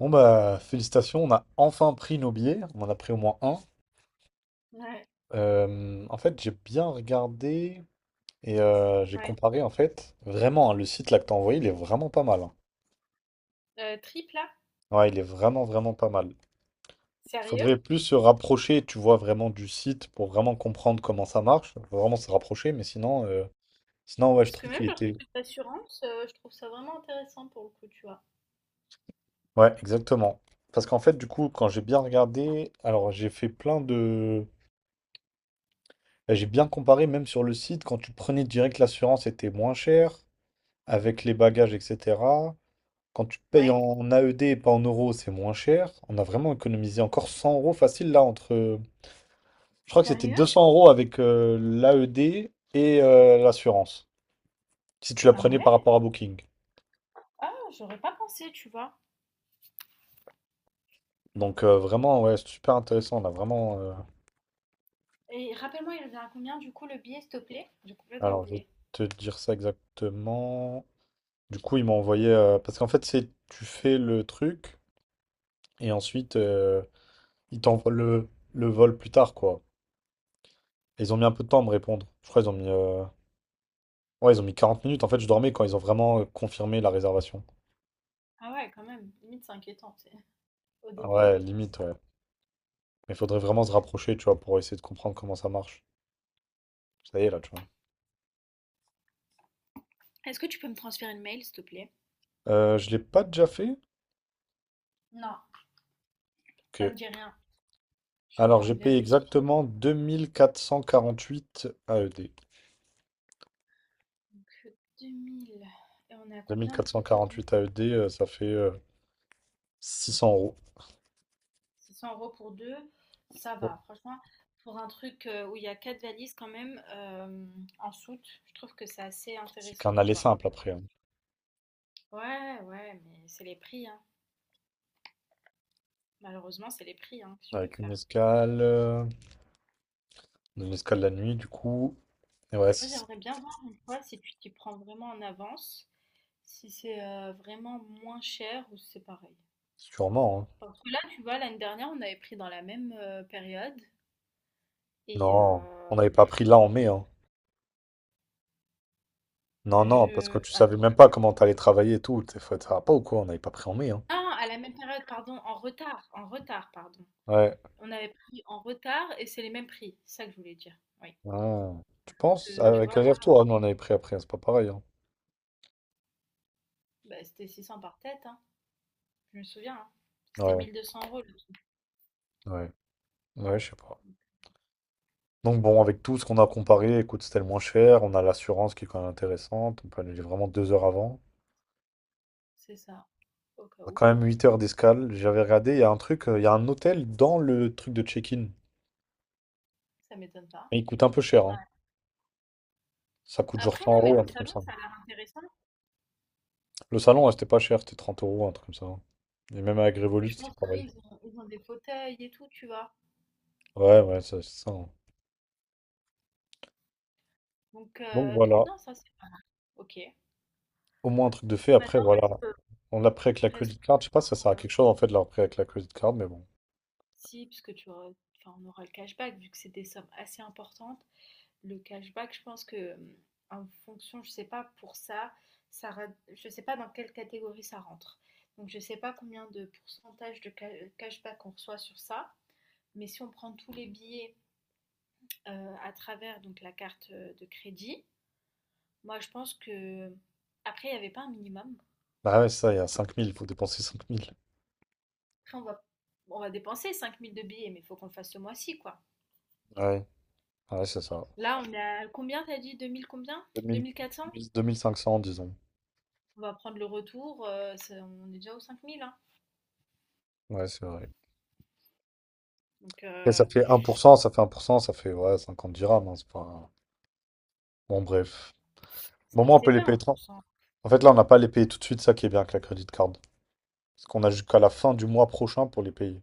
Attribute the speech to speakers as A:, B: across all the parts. A: Bon bah félicitations, on a enfin pris nos billets, on en a pris au moins un.
B: Ouais,
A: En fait j'ai bien regardé et j'ai
B: ouais.
A: comparé en fait. Vraiment, hein, le site là que t'as envoyé, il est vraiment pas mal, hein.
B: Triple A?
A: Ouais, il est vraiment vraiment pas mal. Il
B: Sérieux?
A: faudrait plus se rapprocher, tu vois, vraiment du site pour vraiment comprendre comment ça marche. Faut vraiment se rapprocher, mais sinon ouais, je
B: Parce que
A: trouve
B: même
A: qu'il
B: leur
A: était.
B: truc d'assurance, je trouve ça vraiment intéressant pour le coup, tu vois?
A: Ouais, exactement. Parce qu'en fait, du coup, quand j'ai bien regardé, alors j'ai fait plein de. Bah, j'ai bien comparé, même sur le site, quand tu prenais direct l'assurance, c'était moins cher, avec les bagages, etc. Quand tu payes
B: Ouais.
A: en AED et pas en euros, c'est moins cher. On a vraiment économisé encore 100 € facile là entre. Je crois que c'était
B: Sérieux?
A: 200 € avec l'AED et l'assurance, si tu la
B: Ah
A: prenais par
B: ouais?
A: rapport à Booking.
B: Ah, j'aurais pas pensé, tu vois?
A: Donc vraiment, ouais, c'est super intéressant. On a vraiment.
B: Et rappelle-moi, il revient à combien du coup le billet, s'il te plaît? J'ai complètement
A: Alors, je vais
B: oublié.
A: te dire ça exactement. Du coup, ils m'ont envoyé. Parce qu'en fait, c'est tu fais le truc et ensuite ils t'envoient le vol plus tard, quoi. Et ils ont mis un peu de temps à me répondre. Je crois qu'ils ont mis. Ouais, ils ont mis 40 minutes. En fait, je dormais quand ils ont vraiment confirmé la réservation.
B: Ah ouais, quand même, limite c'est inquiétant, tu au
A: Ah
B: début.
A: ouais, limite, ouais. Mais il faudrait vraiment se rapprocher, tu vois, pour essayer de comprendre comment ça marche. Ça y est, là, tu vois.
B: Est-ce que tu peux me transférer le mail, s'il te plaît?
A: Je l'ai pas déjà fait?
B: Non, ça
A: Ok.
B: me dit rien. Je suis en
A: Alors,
B: train
A: j'ai
B: de
A: payé
B: vérifier.
A: exactement 2448 AED.
B: Donc, 2000 et on est à combien de taux? 2000?
A: 2448 AED, ça fait 600 euros.
B: 600 € pour deux, ça
A: Ouais.
B: va. Franchement, pour un truc où il y a quatre valises quand même en soute, je trouve que c'est assez
A: C'est
B: intéressant,
A: qu'un
B: tu
A: aller
B: vois.
A: simple après, hein.
B: Ouais, ouais, mais c'est les prix, hein. Malheureusement, c'est les prix, hein, que tu veux
A: Avec une
B: faire.
A: escale. Une escale la nuit, du coup. Et ouais,
B: Moi,
A: 600.
B: j'aimerais bien voir une fois si tu t'y prends vraiment en avance, si c'est vraiment moins cher ou si c'est pareil.
A: Sûrement, hein.
B: Parce que là, tu vois, l'année dernière, on avait pris dans la même période. Et euh,
A: Non, on n'avait pas pris là en mai, hein. Non, non, parce que
B: je...
A: tu savais même pas comment t'allais travailler et tout. T'es fait, ça va pas ou quoi? On n'avait pas pris en mai, hein.
B: Ah, à la même période, pardon, en retard, pardon.
A: Ouais.
B: On avait pris en retard et c'est les mêmes prix, c'est ça que je voulais dire. Oui.
A: Ah. Tu penses?
B: Que, tu
A: Avec
B: vois, là,
A: Azerto, Tour, ah non, on avait pris après, c'est pas pareil, hein.
B: bah, c'était 600 par tête, hein. Je me souviens, hein. C'était
A: Ouais,
B: 1200 euros. Le
A: ouais. Ouais, je sais pas. Donc bon, avec tout ce qu'on a comparé, écoute, c'était le moins cher. On a l'assurance qui est quand même intéressante. On peut annuler vraiment 2 heures avant.
B: C'est ça, au cas
A: On a
B: où.
A: quand même 8 heures d'escale. J'avais regardé, il y a un truc, il y a un hôtel dans le truc de check-in.
B: Ça m'étonne pas.
A: Et il coûte un peu cher,
B: Ouais.
A: hein. Ça coûte genre
B: Après,
A: 100
B: non, mais
A: euros,
B: le
A: un truc comme
B: salon,
A: ça.
B: ça a l'air intéressant.
A: Le salon, ouais, c'était pas cher, c'était 30 euros, un truc comme ça, hein. Et même avec
B: Mais
A: Revolut,
B: je
A: c'était
B: pense que oui,
A: pareil.
B: ils ont des fauteuils et tout, tu vois.
A: Ouais, ouais, ça, c'est ça, hein.
B: Donc,
A: Donc voilà,
B: non, ça, c'est pas mal. Ok.
A: au moins un truc de fait. Après,
B: Maintenant,
A: voilà,
B: reste,
A: on l'a pris avec la
B: reste
A: credit card. Je sais pas si ça sert à
B: euh,
A: quelque chose en fait de l'avoir pris avec la credit card, mais bon.
B: si, parce que enfin, on aura le cashback, vu que c'est des sommes assez importantes. Le cashback, je pense que en fonction, je sais pas pour ça, ça je sais pas dans quelle catégorie ça rentre. Donc je sais pas combien de pourcentage de cashback on reçoit sur ça. Mais si on prend tous les billets à travers donc la carte de crédit, moi je pense que après il n'y avait pas un minimum.
A: Ah ouais, ça, il y a 5000. Il faut dépenser 5000.
B: Après on va dépenser 5000 de billets, mais il faut qu'on le fasse ce mois-ci quoi.
A: Ouais, ouais, c'est ça.
B: Là on a combien t'as dit? 2000 combien?
A: deux deux
B: 2400?
A: deux mille cinq cents disons.
B: On va prendre le retour, on est déjà aux 5000, hein.
A: Ouais, c'est vrai.
B: Donc
A: Et ça
B: euh,
A: fait 1%, ça fait ouais, 50 dirhams, hein, c'est pas... Bon, bref. Bon,
B: Ça
A: moi, on
B: c'est
A: peut les
B: pas un
A: payer.
B: pour cent
A: En fait, là, on n'a pas à les payer tout de suite, ça qui est bien avec la credit card. Parce qu'on a jusqu'à la fin du mois prochain pour les payer.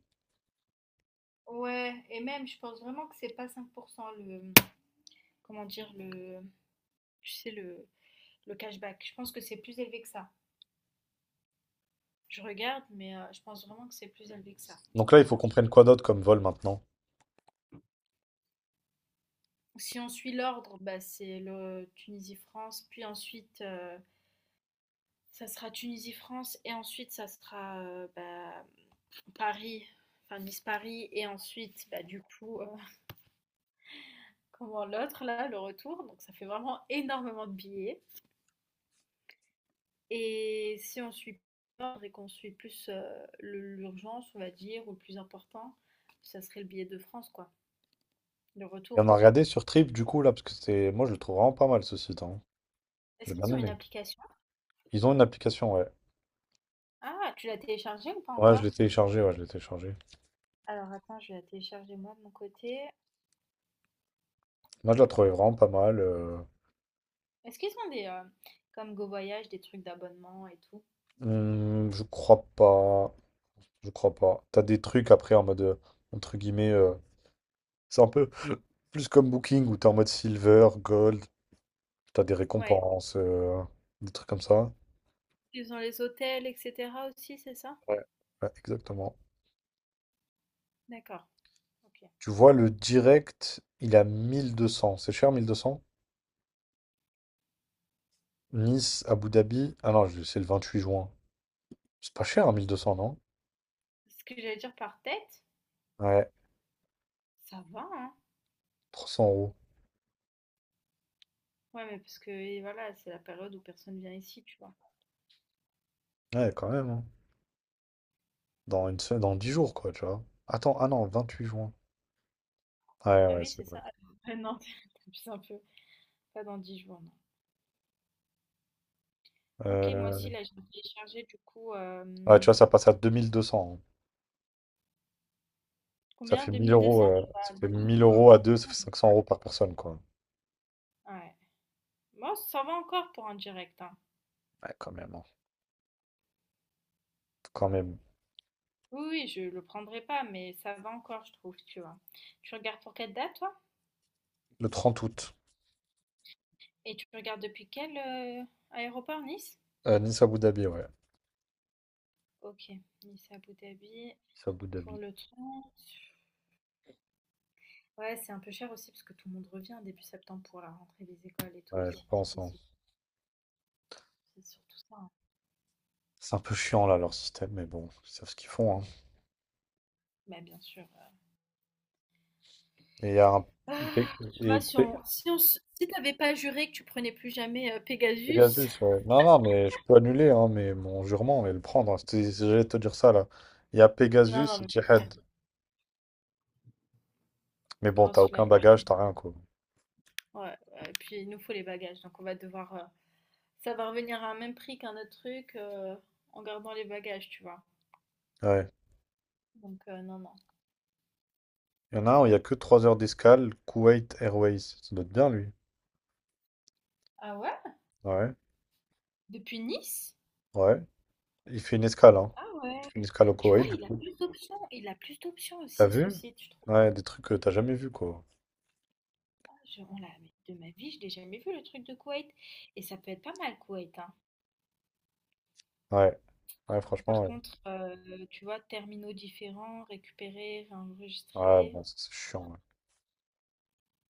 B: Ouais, et même, je pense vraiment que c'est pas 5 % le, comment dire, le, tu sais, le cashback. Je pense que c'est plus élevé que ça. Je regarde, mais je pense vraiment que c'est plus élevé que ça.
A: Donc là, il
B: Alors,
A: faut qu'on
B: attends.
A: prenne quoi d'autre comme vol maintenant?
B: Si on suit l'ordre, bah, c'est le Tunisie-France, puis ensuite, ça sera Tunisie-France, et ensuite, ça sera bah, Paris, enfin Nice-Paris, et ensuite, bah, du coup, comment l'autre, là, le retour. Donc, ça fait vraiment énormément de billets. Et si on suit pas l'ordre et qu'on suit plus l'urgence, on va dire, ou le plus important, ça serait le billet de France, quoi, le
A: Et on
B: retour.
A: a regardé sur Trip du coup là, parce que c'est. Moi je le trouve vraiment pas mal ce site, hein.
B: Est-ce
A: J'ai bien
B: qu'ils ont une
A: aimé.
B: application?
A: Ils ont une application, ouais.
B: Ah, tu l'as téléchargée ou pas
A: Ouais, je l'ai
B: encore?
A: téléchargé, ouais, je l'ai téléchargé.
B: Alors attends, je vais la télécharger moi de mon côté.
A: Moi je la trouvais vraiment pas mal.
B: Est-ce qu'ils ont des, comme GoVoyage, des trucs d'abonnement et tout?
A: Hmm, je crois pas. Je crois pas. T'as des trucs après en mode entre guillemets. C'est un peu plus comme Booking où t'es en mode silver, gold, t'as des
B: Ouais.
A: récompenses, des trucs comme ça.
B: Ils ont les hôtels, etc. aussi, c'est ça?
A: Ouais. Ouais, exactement.
B: D'accord. Ok.
A: Tu vois le direct, il a 1200. C'est cher, 1200. Nice, Abu Dhabi. Ah non, c'est le 28 juin. C'est pas cher, 1200 non?
B: Ce que j'allais dire par tête,
A: Ouais,
B: ça va, hein?
A: trois cents euros.
B: Ouais, mais parce que et voilà, c'est la période où personne vient ici, tu vois.
A: Ouais, quand même, hein. Dans une semaine, dans 10 jours, quoi, tu vois. Attends, ah non, 28 juin. Ouais,
B: Bah
A: ouais,
B: oui,
A: c'est
B: c'est
A: vrai.
B: ça. Ah ouais, non, t'abuses un peu. Pas dans 10 jours, non. Ok, moi
A: Euh,
B: aussi, là, j'ai téléchargé du coup. euh,
A: Ouais, tu vois, ça passe à 2200, hein. Ça
B: combien?
A: fait
B: deux
A: 1000
B: mille deux
A: euros,
B: cents tu vois,
A: ça
B: le
A: fait
B: double,
A: 1000
B: quoi.
A: euros à deux, ça fait 500 € par personne, quoi.
B: Ouais. Moi, ça va encore pour un direct, hein.
A: Ouais, quand même, hein. Quand même.
B: Oui, oui, je le prendrai pas, mais ça va encore, je trouve, tu vois. Tu regardes pour quelle date, toi?
A: Le 30 août,
B: Et tu regardes depuis quel aéroport, Nice?
A: Nice Abu Dhabi, ouais.
B: Ok, Nice à Abu Dhabi.
A: Nice Abu
B: Pour
A: Dhabi.
B: le 30. Ouais, c'est un peu cher aussi parce que tout le monde revient début septembre pour la rentrée des écoles et tout
A: Ouais, je
B: aussi,
A: pense, hein.
B: ici. C'est surtout ça, hein.
A: C'est un peu chiant, là, leur système, mais bon, ils savent ce qu'ils font, hein.
B: Bah, bien sûr.
A: Et il y a un...
B: Ah, tu
A: Et,
B: vois, si
A: et-
B: on, si on, s- si t'avais pas juré que tu prenais plus jamais Pegasus,
A: Pegasus, ouais. Non, non, mais je peux annuler, hein, mais mon jurement, mais le prendre, hein. J'allais te dire ça, là. Il y a
B: non, non,
A: Pegasus et
B: mais grosse flemme,
A: Jihad. Mais bon, t'as
B: grosse
A: aucun
B: flemme.
A: bagage, t'as rien, quoi.
B: Ouais, ouais, et puis il nous faut les bagages, donc on va devoir, ça va revenir à un même prix qu'un autre truc en gardant les bagages, tu vois.
A: Ouais.
B: Donc non, non.
A: Il y en a un où il y a que 3 heures d'escale, Kuwait Airways. Ça doit être bien, lui.
B: Ah ouais?
A: Ouais,
B: Depuis Nice?
A: ouais. Il fait une escale, hein.
B: Ah
A: Il
B: ouais.
A: fait une escale au
B: Tu vois,
A: Koweït, du
B: il a
A: coup.
B: plus d'options, il a plus d'options
A: T'as
B: aussi
A: vu?
B: ce site, je trouve.
A: Ouais, des trucs que t'as jamais vu, quoi.
B: Ah, mais de ma vie, je l'ai jamais vu le truc de Kuwait, et ça peut être pas mal Kuwait, hein.
A: Ouais, ouais,
B: Par
A: franchement, ouais.
B: contre, tu vois, terminaux différents, récupérer,
A: Ah,
B: réenregistrer,
A: bon, ça, c'est chiant, ouais.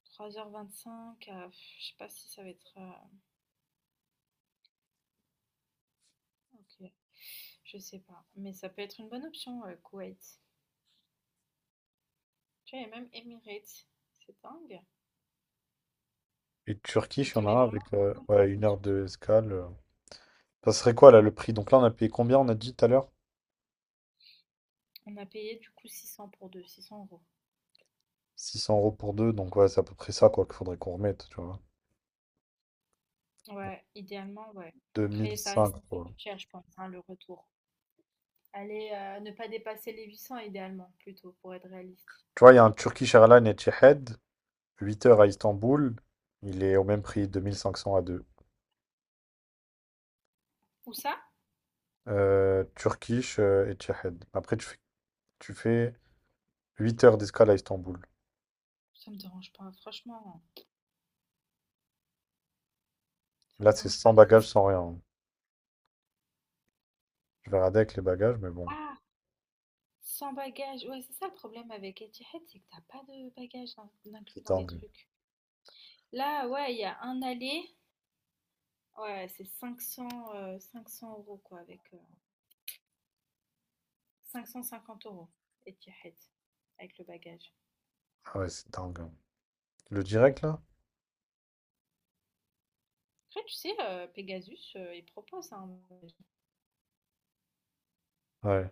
B: 3 h 25, pff, je sais pas si ça va être ok, je sais pas. Mais ça peut être une bonne option, Kuwait. Tu vois, il y a même Emirates, c'est dingue.
A: Et Turquie,
B: Il
A: il y
B: te
A: en
B: met
A: a un
B: vraiment
A: avec
B: tout le
A: ouais, 1 heure
B: dessus.
A: d'escale. Ça serait quoi, là, le prix? Donc là, on a payé combien, on a dit tout à l'heure?
B: On a payé du coup 600 pour deux, 600 euros.
A: 600 € pour deux, donc ouais, c'est à peu près ça quoi qu'il faudrait qu'on remette, tu vois.
B: Ouais, idéalement, ouais. Après, ça
A: 2005,
B: reste
A: quoi.
B: cher, je pense, hein, le retour. Allez, ne pas dépasser les 800 idéalement, plutôt, pour être réaliste.
A: Tu vois, il y a un Turkish Airlines Etihad, 8 heures à Istanbul, il est au même prix, 2500 à deux.
B: Ou ça?
A: Turkish Etihad. Après, tu fais 8 heures d'escale à Istanbul.
B: Ça me dérange pas, franchement. Ça me
A: Là, c'est
B: dérange pas
A: sans
B: les
A: bagages, sans
B: escales.
A: rien. Je vais regarder avec les bagages, mais bon,
B: Ah! Sans bagage. Ouais, c'est ça le problème avec Etihad, c'est que t'as pas de bagage d'inclus
A: c'est
B: dans les
A: dingue.
B: trucs. Là, ouais, il y a un aller, ouais, c'est 500, 500 € quoi, avec 550 € Etihad, avec le bagage.
A: Ah ouais, c'est dingue. Le direct, là?
B: Après, tu sais, Pegasus, il propose un bagage.
A: Ouais,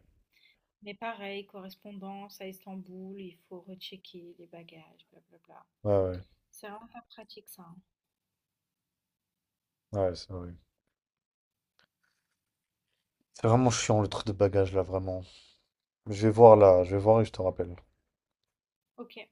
B: Mais pareil, correspondance à Istanbul, il faut rechecker les bagages, blablabla.
A: ouais, ouais.
B: C'est vraiment pas pratique ça, hein.
A: Ouais, c'est vrai. C'est vraiment chiant, le truc de bagages, là, vraiment. Je vais voir, là, je vais voir et je te rappelle.
B: Ok.